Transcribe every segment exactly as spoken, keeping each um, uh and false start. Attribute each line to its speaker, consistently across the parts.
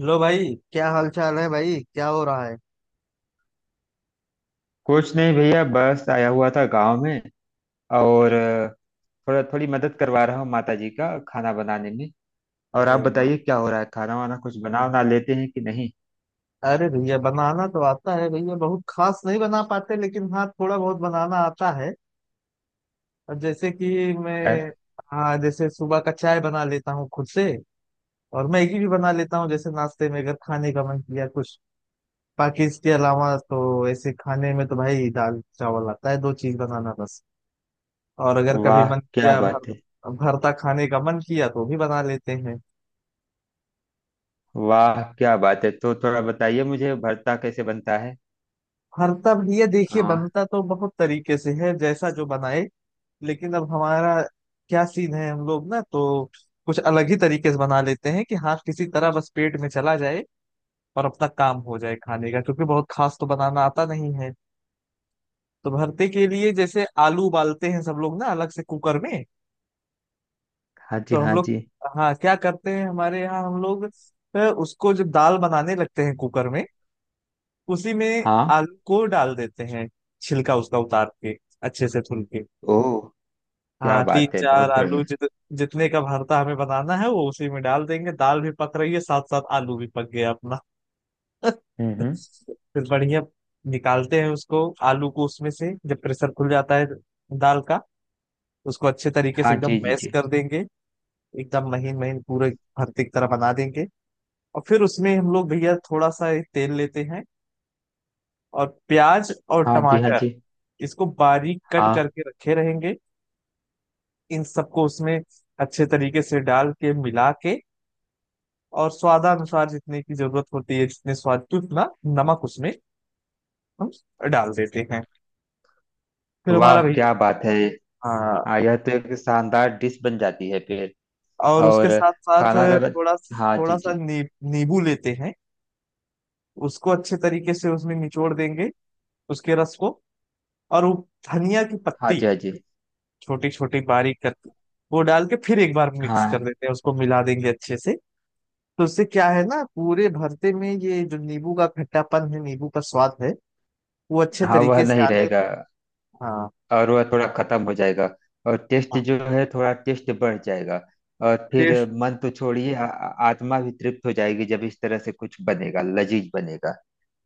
Speaker 1: Hello भाई। क्या हाल चाल है भाई? क्या हो रहा है?
Speaker 2: कुछ नहीं भैया, बस आया हुआ था गांव में। और अ, थोड़ा थोड़ी मदद करवा रहा हूँ माता जी का खाना बनाने में। और आप
Speaker 1: अरे वाह।
Speaker 2: बताइए क्या हो रहा है, खाना वाना कुछ बना ना लेते हैं कि नहीं।
Speaker 1: अरे भैया, बनाना तो आता है भैया, बहुत खास नहीं बना पाते लेकिन हाँ, थोड़ा बहुत बनाना आता है। और जैसे कि मैं
Speaker 2: अरे,
Speaker 1: हाँ जैसे सुबह का चाय बना लेता हूँ खुद से। और मैगी भी बना लेता हूँ, जैसे नाश्ते में अगर खाने का मन किया कुछ। बाकी इसके अलावा तो ऐसे खाने में तो भाई दाल चावल आता है, दो चीज बनाना बस। और अगर कभी
Speaker 2: वाह
Speaker 1: मन
Speaker 2: क्या
Speaker 1: किया भर,
Speaker 2: बात है।
Speaker 1: भरता खाने का मन किया तो भी बना लेते हैं।
Speaker 2: वाह क्या बात है, तो थोड़ा बताइए मुझे भरता कैसे बनता है।
Speaker 1: भरता भैया देखिए
Speaker 2: हाँ।
Speaker 1: बनता तो बहुत तरीके से है, जैसा जो बनाए। लेकिन अब हमारा क्या सीन है, हम लोग ना तो कुछ अलग ही तरीके से बना लेते हैं कि हाँ किसी तरह बस पेट में चला जाए और अपना काम हो जाए खाने का, क्योंकि बहुत खास तो बनाना आता नहीं है। तो भरते के लिए जैसे आलू उबालते हैं सब लोग ना अलग से कुकर में,
Speaker 2: हाँ जी
Speaker 1: तो हम
Speaker 2: हाँ
Speaker 1: लोग
Speaker 2: जी
Speaker 1: हाँ क्या करते हैं हमारे यहाँ, हम लोग अ, उसको जब दाल बनाने लगते हैं कुकर में उसी में
Speaker 2: हाँ।
Speaker 1: आलू को डाल देते हैं, छिलका उसका उतार के, अच्छे से धुल के।
Speaker 2: ओह। क्या
Speaker 1: हाँ, तीन
Speaker 2: बात है,
Speaker 1: चार
Speaker 2: बहुत बढ़िया।
Speaker 1: आलू जित, जितने का भरता हमें बनाना है वो उसी में डाल देंगे। दाल भी पक रही है, साथ साथ आलू भी पक गया अपना।
Speaker 2: हम्म हम्म।
Speaker 1: फिर बढ़िया निकालते हैं उसको, आलू को उसमें से जब प्रेशर खुल जाता है दाल का। उसको अच्छे तरीके से
Speaker 2: हाँ
Speaker 1: एकदम
Speaker 2: जी जी
Speaker 1: मैश
Speaker 2: जी।
Speaker 1: कर देंगे, एकदम महीन महीन पूरे भरते की तरह बना देंगे। और फिर उसमें हम लोग भैया थोड़ा सा तेल लेते हैं, और प्याज और
Speaker 2: हाँ जी हाँ
Speaker 1: टमाटर
Speaker 2: जी
Speaker 1: इसको बारीक कट
Speaker 2: हाँ।
Speaker 1: करके रखे रहेंगे। इन सबको उसमें अच्छे तरीके से डाल के मिला के, और स्वादानुसार जितने की जरूरत होती है, जितने स्वाद की उतना नमक उसमें हम डाल देते हैं। फिर
Speaker 2: वाह
Speaker 1: हमारा भैया
Speaker 2: क्या बात है।
Speaker 1: हाँ,
Speaker 2: हाँ, यह तो एक शानदार डिश बन जाती है फिर।
Speaker 1: और उसके
Speaker 2: और
Speaker 1: साथ साथ
Speaker 2: खाना का तो-।
Speaker 1: थोड़ा
Speaker 2: हाँ
Speaker 1: थोड़ा
Speaker 2: जी
Speaker 1: सा
Speaker 2: जी।
Speaker 1: नी, नींबू लेते हैं, उसको अच्छे तरीके से उसमें निचोड़ देंगे, उसके रस को। और वो धनिया की
Speaker 2: हाँ
Speaker 1: पत्ती
Speaker 2: जी हाँ जी
Speaker 1: छोटी छोटी बारीक करके, वो डाल के फिर एक बार मिक्स कर
Speaker 2: हाँ।
Speaker 1: देते हैं, उसको मिला देंगे अच्छे से। तो उससे क्या है ना, पूरे भरते में ये जो नींबू का खट्टापन है, नींबू का स्वाद है, वो अच्छे
Speaker 2: हाँ वह
Speaker 1: तरीके से
Speaker 2: नहीं
Speaker 1: आने लग-
Speaker 2: रहेगा।
Speaker 1: हाँ।
Speaker 2: और वह थोड़ा खत्म हो जाएगा। और टेस्ट जो है थोड़ा टेस्ट बढ़ जाएगा। और फिर मन तो छोड़िए, आ- आ- आत्मा भी तृप्त हो जाएगी जब इस तरह से कुछ बनेगा, लजीज बनेगा।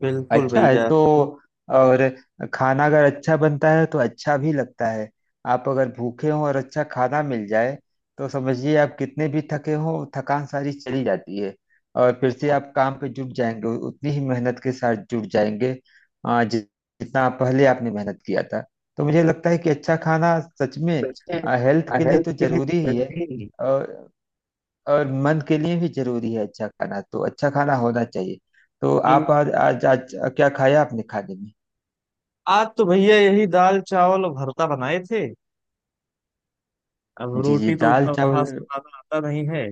Speaker 1: बिल्कुल
Speaker 2: अच्छा है
Speaker 1: भैया।
Speaker 2: तो। और खाना अगर अच्छा बनता है तो अच्छा भी लगता है। आप अगर भूखे हों और अच्छा खाना मिल जाए तो समझिए आप कितने भी थके हों, थकान सारी चली जाती है। और फिर से
Speaker 1: हाँ,
Speaker 2: आप काम पे जुट जाएंगे, उतनी ही मेहनत के साथ जुट जाएंगे। आ, जि- जितना पहले आपने मेहनत किया था। तो मुझे लगता है कि अच्छा खाना सच में
Speaker 1: वैसे
Speaker 2: हेल्थ के लिए
Speaker 1: हेल्थ
Speaker 2: तो
Speaker 1: के
Speaker 2: जरूरी
Speaker 1: लिए
Speaker 2: ही है।
Speaker 1: healthy,
Speaker 2: और मन के लिए भी जरूरी है अच्छा खाना, तो अच्छा खाना होना चाहिए। तो
Speaker 1: बिल-
Speaker 2: आप आज आज, आज क्या खाया आपने खाने में।
Speaker 1: आज तो भैया यही दाल चावल और भरता बनाए थे। अब
Speaker 2: जी जी
Speaker 1: रोटी तो
Speaker 2: दाल
Speaker 1: उतना
Speaker 2: चावल।
Speaker 1: खास बनाना आता नहीं है,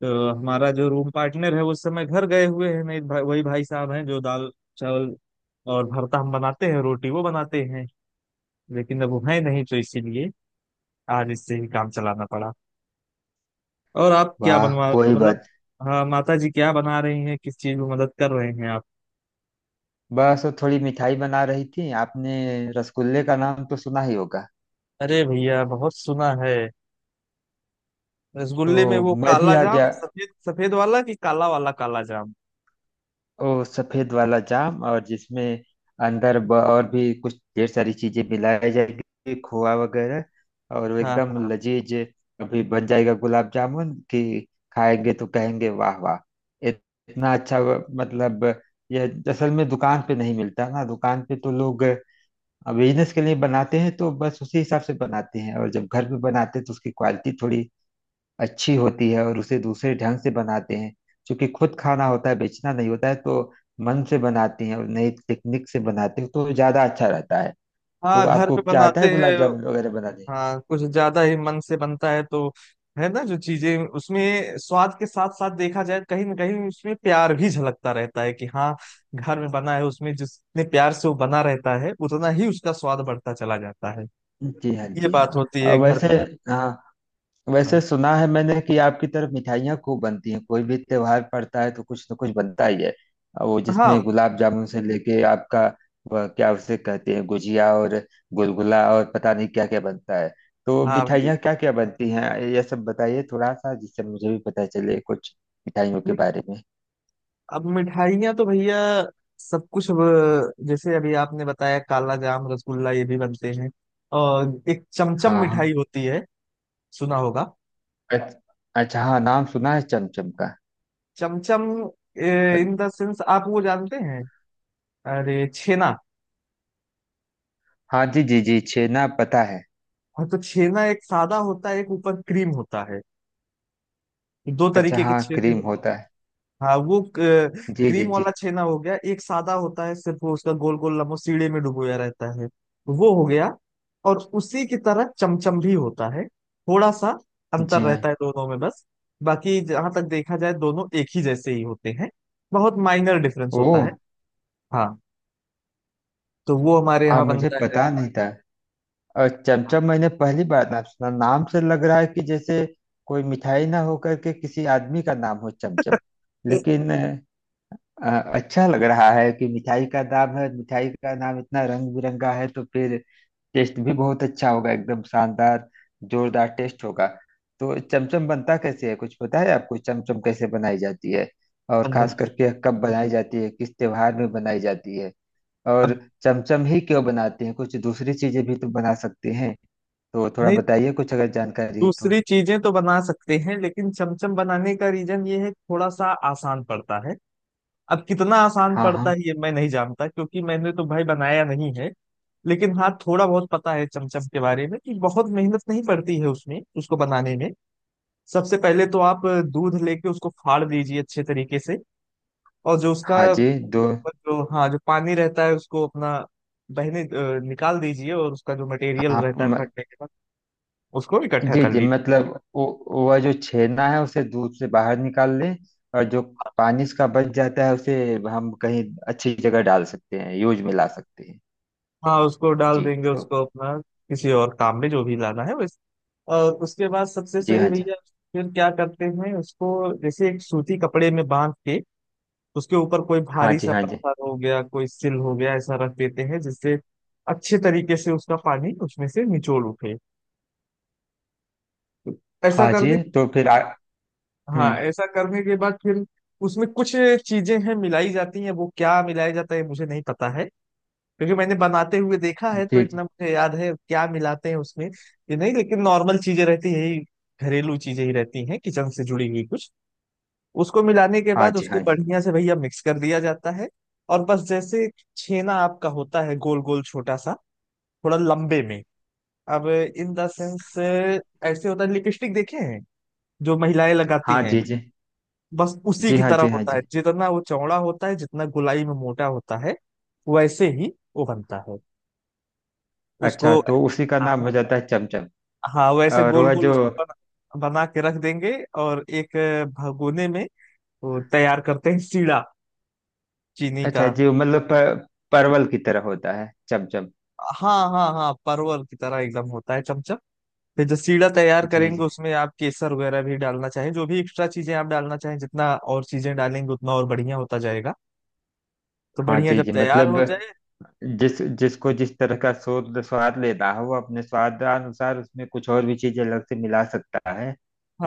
Speaker 1: तो हमारा जो रूम पार्टनर है वो उस समय घर गए हुए हैं, मेरे भाई वही भाई साहब हैं जो दाल चावल और भरता हम बनाते हैं, रोटी वो बनाते हैं। लेकिन अब वो है नहीं, तो इसीलिए आज इससे ही काम चलाना पड़ा। और आप क्या
Speaker 2: वाह
Speaker 1: बनवा
Speaker 2: कोई
Speaker 1: मतलब
Speaker 2: बात।
Speaker 1: हाँ, माता जी क्या बना रही हैं, किस चीज में मदद कर रहे हैं आप?
Speaker 2: बस वो थोड़ी मिठाई बना रही थी आपने। रसगुल्ले का नाम तो सुना ही होगा।
Speaker 1: अरे भैया, बहुत सुना है।
Speaker 2: तो
Speaker 1: रसगुल्ले में वो
Speaker 2: मैं भी
Speaker 1: काला
Speaker 2: आ
Speaker 1: जाम,
Speaker 2: गया।
Speaker 1: सफेद सफेद वाला कि काला वाला काला जाम।
Speaker 2: ओ सफेद वाला जाम, और जिसमें अंदर ब- और भी कुछ ढेर सारी चीजें मिलाई जाएगी, खोआ वगैरह। और वो
Speaker 1: हाँ
Speaker 2: एकदम
Speaker 1: हाँ
Speaker 2: लजीज अभी बन जाएगा, गुलाब जामुन कि खाएंगे तो कहेंगे वाह वाह। इत- इतना अच्छा व- मतलब, यह असल में दुकान पे नहीं मिलता ना। दुकान पे तो लोग बिजनेस के लिए बनाते हैं तो बस उसी हिसाब से बनाते हैं, और जब घर पे बनाते हैं तो उसकी क्वालिटी थोड़ी अच्छी होती है और उसे दूसरे ढंग से बनाते हैं। क्योंकि खुद खाना होता है, बेचना नहीं होता है, तो मन से बनाती हैं और नई टेक्निक से बनाते हैं तो ज्यादा अच्छा रहता है। तो
Speaker 1: हाँ, घर
Speaker 2: आपको
Speaker 1: पे
Speaker 2: क्या आता
Speaker 1: बनाते
Speaker 2: है, गुलाब
Speaker 1: हैं।
Speaker 2: जामुन वगैरह बनाने।
Speaker 1: हाँ कुछ ज्यादा ही मन से बनता है तो, है ना, जो चीजें उसमें स्वाद के साथ साथ देखा जाए कहीं ना कहीं उसमें प्यार भी झलकता रहता है कि हाँ घर में बना है। उसमें जितने प्यार से वो बना रहता है उतना ही उसका स्वाद बढ़ता चला जाता है।
Speaker 2: जी हाँ
Speaker 1: ये
Speaker 2: जी
Speaker 1: बात
Speaker 2: हाँ।
Speaker 1: होती
Speaker 2: और
Speaker 1: है घर
Speaker 2: वैसे।
Speaker 1: पे।
Speaker 2: हाँ, वैसे
Speaker 1: हाँ
Speaker 2: सुना है मैंने कि आपकी तरफ मिठाइयाँ खूब बनती हैं, कोई भी त्योहार पड़ता है तो कुछ न कुछ बनता ही है। और वो जिसमें
Speaker 1: हाँ
Speaker 2: गुलाब जामुन से लेके आपका, वह क्या उसे कहते हैं, गुजिया और गुलगुला और पता नहीं क्या क्या बनता है। तो
Speaker 1: हाँ भैया।
Speaker 2: मिठाइयाँ क्या क्या बनती हैं, ये सब बताइए थोड़ा सा जिससे मुझे भी पता चले कुछ मिठाइयों के बारे में।
Speaker 1: अब मिठाइयाँ तो भैया सब कुछ अब, जैसे अभी आपने बताया काला जाम, रसगुल्ला ये भी बनते हैं। और एक चमचम
Speaker 2: हाँ हाँ।
Speaker 1: मिठाई होती है, सुना होगा।
Speaker 2: अच्छा। अच्छा, हाँ नाम सुना है चमचम का।
Speaker 1: चमचम, इन द सेंस आप वो जानते हैं, अरे छेना।
Speaker 2: हाँ जी जी जी, छेना पता है।
Speaker 1: हाँ तो छेना, एक सादा होता है, एक ऊपर क्रीम होता है, दो
Speaker 2: अच्छा,
Speaker 1: तरीके के
Speaker 2: हाँ
Speaker 1: छेने।
Speaker 2: क्रीम होता है।
Speaker 1: हाँ वो क-
Speaker 2: जी जी
Speaker 1: क्रीम
Speaker 2: जी
Speaker 1: वाला छेना हो गया। एक सादा होता है, सिर्फ वो उसका गोल गोल लम्बो सीढ़े में डुबोया रहता है, वो हो गया। और उसी की तरह चमचम भी होता है, थोड़ा सा अंतर
Speaker 2: जी हाँ।
Speaker 1: रहता है दोनों में बस। बाकी जहां तक देखा जाए दोनों एक ही जैसे ही होते हैं, बहुत माइनर डिफरेंस
Speaker 2: ओ
Speaker 1: होता है। हाँ, तो वो हमारे
Speaker 2: हाँ,
Speaker 1: यहाँ
Speaker 2: मुझे
Speaker 1: बनता है।
Speaker 2: पता नहीं था। और
Speaker 1: हाँ।
Speaker 2: चमचम मैंने पहली बार नाम सुना, नाम से लग रहा है कि जैसे कोई मिठाई ना होकर के किसी आदमी का नाम हो चमचम। लेकिन अ, अच्छा लग रहा है कि मिठाई का नाम है। मिठाई का नाम इतना रंग बिरंगा है तो फिर टेस्ट भी बहुत अच्छा होगा, एकदम शानदार जोरदार टेस्ट होगा। तो चमचम बनता कैसे है, कुछ पता है आपको चमचम कैसे बनाई जाती है। और
Speaker 1: अब
Speaker 2: खास
Speaker 1: भैया,
Speaker 2: करके कब बनाई जाती है, किस त्योहार में बनाई जाती है। और
Speaker 1: अब
Speaker 2: चमचम ही क्यों बनाते हैं, कुछ दूसरी चीजें भी तो बना सकते हैं। तो थोड़ा
Speaker 1: नहीं,
Speaker 2: बताइए कुछ अगर जानकारी है तो।
Speaker 1: दूसरी चीजें तो बना सकते हैं लेकिन चमचम बनाने का रीजन ये है कि थोड़ा सा आसान पड़ता है। अब कितना आसान
Speaker 2: हाँ हाँ।
Speaker 1: पड़ता है ये मैं नहीं जानता, क्योंकि मैंने तो भाई बनाया नहीं है। लेकिन हाँ, थोड़ा बहुत पता है चमचम के बारे में कि बहुत मेहनत नहीं पड़ती है उसमें, उसको बनाने में। सबसे पहले तो आप दूध लेके उसको फाड़ दीजिए अच्छे तरीके से। और जो उसका
Speaker 2: हाँ जी दो।
Speaker 1: जो हाँ जो पानी रहता है उसको अपना बहने अ, निकाल दीजिए, और उसका जो मटेरियल
Speaker 2: आप
Speaker 1: रहता है
Speaker 2: म-
Speaker 1: फटने के बाद, उसको इकट्ठा
Speaker 2: जी
Speaker 1: कर
Speaker 2: जी
Speaker 1: लीजिए।
Speaker 2: मतलब, वो- वह जो छेना है उसे दूध से बाहर निकाल लें। और जो पानी इसका बच जाता है उसे हम कहीं अच्छी जगह डाल सकते हैं, यूज में ला सकते हैं।
Speaker 1: हाँ उसको डाल
Speaker 2: जी
Speaker 1: देंगे,
Speaker 2: तो।
Speaker 1: उसको अपना किसी और काम में जो भी लाना है वैसे। और उसके बाद सबसे
Speaker 2: जी
Speaker 1: सही
Speaker 2: हाँ जी
Speaker 1: भैया फिर क्या करते हैं उसको, जैसे एक सूती कपड़े में बांध के उसके ऊपर कोई
Speaker 2: हाँ
Speaker 1: भारी
Speaker 2: जी
Speaker 1: सा
Speaker 2: हाँ जी
Speaker 1: पत्थर हो गया, कोई सिल हो गया ऐसा रख देते हैं, जिससे अच्छे तरीके से उसका पानी उसमें से निचोड़ उठे। ऐसा
Speaker 2: हाँ। जी
Speaker 1: करने
Speaker 2: तो फिर आ,
Speaker 1: हाँ,
Speaker 2: हम्म।
Speaker 1: ऐसा करने के बाद फिर उसमें कुछ चीजें हैं मिलाई जाती हैं, वो क्या मिलाया जाता है मुझे नहीं पता है। क्योंकि मैंने बनाते हुए देखा है, तो
Speaker 2: जी जी।
Speaker 1: इतना मुझे याद है क्या मिलाते हैं उसमें ये नहीं। लेकिन नॉर्मल चीजें रहती है यही, घरेलू चीजें ही रहती हैं किचन से जुड़ी हुई कुछ। उसको मिलाने के
Speaker 2: हाँ
Speaker 1: बाद
Speaker 2: जी
Speaker 1: उसको
Speaker 2: हाँ जी
Speaker 1: बढ़िया से भैया मिक्स कर दिया जाता है। और बस जैसे छेना आपका होता है गोल गोल छोटा सा, थोड़ा लंबे में। अब इन द सेंस ऐसे होता है, लिपस्टिक देखे हैं जो महिलाएं लगाती
Speaker 2: हाँ।
Speaker 1: हैं,
Speaker 2: जी जी
Speaker 1: बस उसी
Speaker 2: जी।
Speaker 1: की
Speaker 2: हाँ
Speaker 1: तरह
Speaker 2: जी हाँ
Speaker 1: होता है।
Speaker 2: जी।
Speaker 1: जितना वो चौड़ा होता है, जितना गोलाई में मोटा होता है वैसे ही वो बनता है
Speaker 2: अच्छा,
Speaker 1: उसको।
Speaker 2: तो उसी का नाम हो जाता है चमचम।
Speaker 1: हाँ वैसे
Speaker 2: और
Speaker 1: गोल
Speaker 2: वह
Speaker 1: गोल
Speaker 2: जो।
Speaker 1: उसको बना, बना के रख देंगे। और एक भगोने में वो तैयार करते हैं सीड़ा, चीनी
Speaker 2: अच्छा
Speaker 1: का।
Speaker 2: जी मतलब, प- परवल की तरह होता है चमचम।
Speaker 1: हाँ हाँ हाँ, परवल की तरह एकदम होता है चमचम। फिर जो सीड़ा तैयार
Speaker 2: जी जी।
Speaker 1: करेंगे उसमें आप केसर वगैरह भी डालना चाहें, जो भी एक्स्ट्रा चीजें आप डालना चाहें, जितना और चीजें डालेंगे उतना और बढ़िया होता जाएगा। तो
Speaker 2: हाँ
Speaker 1: बढ़िया
Speaker 2: जी
Speaker 1: जब
Speaker 2: जी
Speaker 1: तैयार
Speaker 2: मतलब,
Speaker 1: हो जाए,
Speaker 2: जिस जिसको जिस तरह का स्वाद स्वाद लेना हो वो अपने स्वाद अनुसार उसमें कुछ और भी चीजें अलग से मिला सकता है।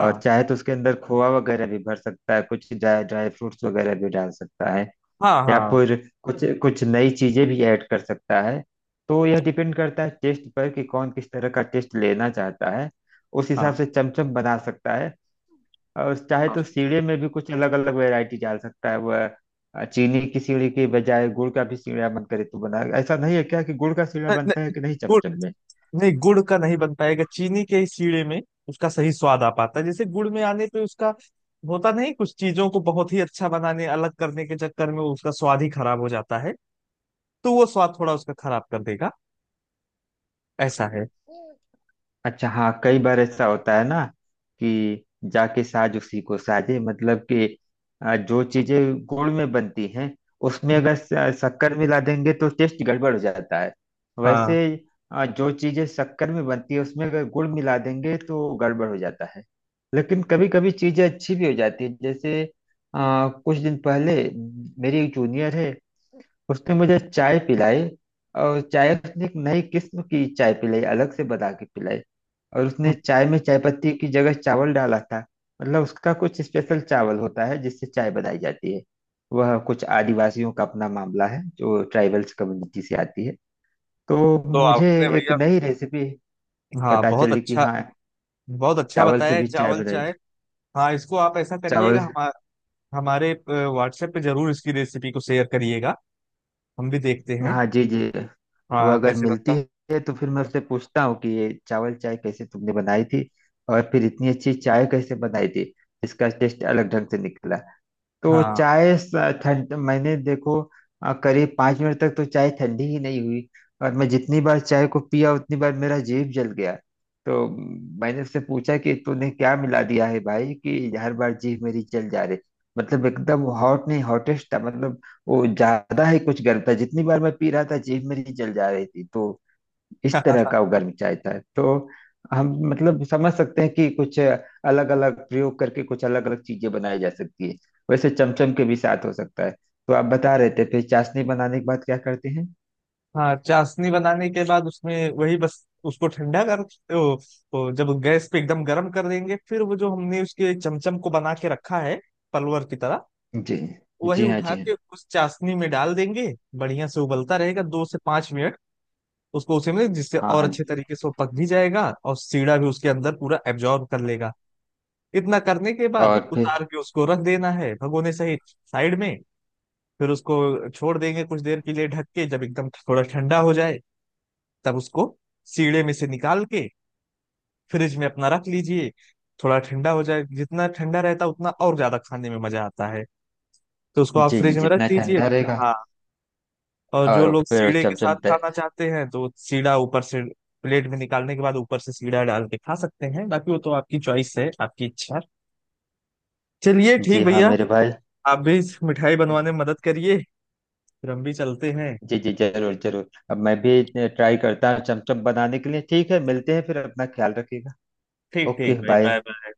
Speaker 2: और चाहे तो उसके अंदर खोआ वगैरह भी भर सकता है, कुछ ड्राई ड्राई फ्रूट्स वगैरह भी डाल सकता है।
Speaker 1: हाँ
Speaker 2: या
Speaker 1: हाँ
Speaker 2: फिर कुछ कुछ नई चीजें भी ऐड कर सकता है। तो यह डिपेंड करता है टेस्ट पर कि कौन किस तरह का टेस्ट लेना चाहता है, उस
Speaker 1: हाँ
Speaker 2: हिसाब से चमचम बना सकता है। और चाहे
Speaker 1: हाँ।
Speaker 2: तो सीढ़े में भी कुछ अलग अलग वैरायटी डाल सकता है वह। अ, चीनी की सीढ़ी के बजाय गुड़ का भी सीढ़ा मन करे तो बना, ऐसा नहीं है क्या कि गुड़ का सीढ़ा
Speaker 1: न- न-
Speaker 2: बनता है कि नहीं
Speaker 1: गुड़
Speaker 2: चमचम
Speaker 1: नहीं, गुड़ का नहीं बन पाएगा। चीनी के ही सीड़े में उसका सही स्वाद आ पाता है, जैसे गुड़ में आने पे उसका होता नहीं। कुछ चीजों को बहुत ही अच्छा बनाने, अलग करने के चक्कर में उसका स्वाद ही खराब हो जाता है। तो वो स्वाद थोड़ा उसका खराब कर देगा, ऐसा है।
Speaker 2: में। अच्छा, हाँ कई बार ऐसा होता है ना कि जाके साज उसी को साजे, मतलब कि अ, जो चीजें गुड़ में बनती हैं उसमें
Speaker 1: हम्म,
Speaker 2: अगर स- शक्कर मिला देंगे तो टेस्ट गड़बड़ हो जाता है। वैसे
Speaker 1: हाँ।
Speaker 2: अ, जो चीजें शक्कर में बनती है उसमें अगर गुड़ मिला देंगे तो गड़बड़ हो जाता है। लेकिन कभी कभी चीजें अच्छी भी हो जाती है, जैसे अ, कुछ दिन पहले मेरी एक जूनियर है, उसने मुझे चाय पिलाई। और चाय उसने एक नई किस्म की चाय पिलाई, अलग से बना के पिलाई। और उसने
Speaker 1: हम्म,
Speaker 2: चाय में चाय पत्ती की जगह चावल डाला था। मतलब उसका कुछ स्पेशल चावल होता है जिससे चाय बनाई जाती है। वह कुछ आदिवासियों का अपना मामला है, जो ट्राइबल्स कम्युनिटी से आती है। तो
Speaker 1: तो
Speaker 2: मुझे
Speaker 1: आपने
Speaker 2: एक
Speaker 1: भैया
Speaker 2: नई रेसिपी
Speaker 1: हाँ
Speaker 2: पता
Speaker 1: बहुत
Speaker 2: चली कि
Speaker 1: अच्छा,
Speaker 2: हाँ,
Speaker 1: बहुत अच्छा
Speaker 2: चावल
Speaker 1: बताया
Speaker 2: से
Speaker 1: है,
Speaker 2: भी चाय
Speaker 1: चावल
Speaker 2: बनाई।
Speaker 1: चाय। हाँ इसको आप ऐसा करिएगा,
Speaker 2: चावल।
Speaker 1: हमा, हमारे व्हाट्सएप पे जरूर इसकी रेसिपी को शेयर करिएगा, हम भी देखते हैं।
Speaker 2: हाँ जी जी। वह
Speaker 1: हाँ
Speaker 2: अगर
Speaker 1: कैसे
Speaker 2: मिलती
Speaker 1: बनता
Speaker 2: है तो फिर मैं उससे पूछता हूँ कि ये चावल चाय कैसे तुमने बनाई थी, और फिर इतनी अच्छी चाय कैसे बनाई थी। इसका टेस्ट अलग ढंग से निकला।
Speaker 1: है।
Speaker 2: तो चाय स- ठंड मैंने देखो, अ, करीब पाँच मिनट तक तो चाय ठंडी ही नहीं हुई। और मैं जितनी बार चाय को पिया उतनी बार मेरा जीभ जल गया। तो म, मैंने उससे पूछा कि तूने क्या मिला दिया है भाई कि हर बार जीभ मेरी जल जा रही। मतलब एकदम हॉट नहीं, हॉटेस्ट था मतलब। वो ज्यादा ही कुछ गर्म था, जितनी बार मैं पी रहा था जीभ मेरी जल जा रही थी। तो इस
Speaker 1: हाँ
Speaker 2: तरह का उगर मचाया है तो हम मतलब समझ सकते हैं कि कुछ अलग अलग प्रयोग करके कुछ अलग अलग चीजें बनाई जा सकती है। वैसे चमचम के भी साथ हो सकता है। तो आप बता रहे थे फिर चाशनी बनाने के बाद क्या करते हैं।
Speaker 1: हाँ, चाशनी बनाने के बाद उसमें वही बस उसको ठंडा कर ओ, ओ, जब गैस पे एकदम गर्म कर देंगे, फिर वो जो हमने उसके चमचम को बना के रखा है पलवर की तरह,
Speaker 2: जी
Speaker 1: वही
Speaker 2: जी। हाँ
Speaker 1: उठा
Speaker 2: जी
Speaker 1: के उस चाशनी में डाल देंगे। बढ़िया से उबलता रहेगा दो से पांच मिनट, उसको उसी में, जिससे
Speaker 2: हाँ। हाँ
Speaker 1: और अच्छे
Speaker 2: हाँ।
Speaker 1: तरीके से वो पक भी जाएगा और सीढ़ा भी उसके अंदर पूरा एब्जॉर्ब कर लेगा। इतना करने के बाद
Speaker 2: और फिर।
Speaker 1: उतार के उसको रख देना है भगोने सहित, साइड में। फिर उसको छोड़ देंगे कुछ देर के लिए ढक के, जब एकदम थोड़ा ठंडा हो जाए तब उसको सीड़े में से निकाल के फ्रिज में अपना रख लीजिए। थोड़ा ठंडा हो जाए, जितना ठंडा रहता है उतना और ज्यादा खाने में मजा आता है, तो उसको आप
Speaker 2: जी जी
Speaker 1: फ्रिज में रख
Speaker 2: जितना
Speaker 1: दीजिए।
Speaker 2: ठंडा रहेगा।
Speaker 1: हाँ, और जो
Speaker 2: और
Speaker 1: लोग
Speaker 2: फिर
Speaker 1: सीड़े के साथ
Speaker 2: चमचम तय।
Speaker 1: खाना चाहते हैं तो सीड़ा ऊपर से प्लेट में निकालने के बाद ऊपर से सीड़ा डाल के खा सकते हैं, बाकी वो तो आपकी चॉइस है, आपकी इच्छा। चलिए ठीक
Speaker 2: जी हाँ
Speaker 1: भैया,
Speaker 2: मेरे भाई।
Speaker 1: आप भी इस मिठाई बनवाने में मदद करिए, फिर हम भी चलते हैं।
Speaker 2: जी जी जरूर जरूर, अब मैं भी ट्राई करता हूँ चमचम बनाने के लिए। ठीक है, मिलते हैं फिर, अपना ख्याल रखिएगा।
Speaker 1: ठीक ठीक
Speaker 2: ओके
Speaker 1: भाई, बाय
Speaker 2: बाय।
Speaker 1: बाय।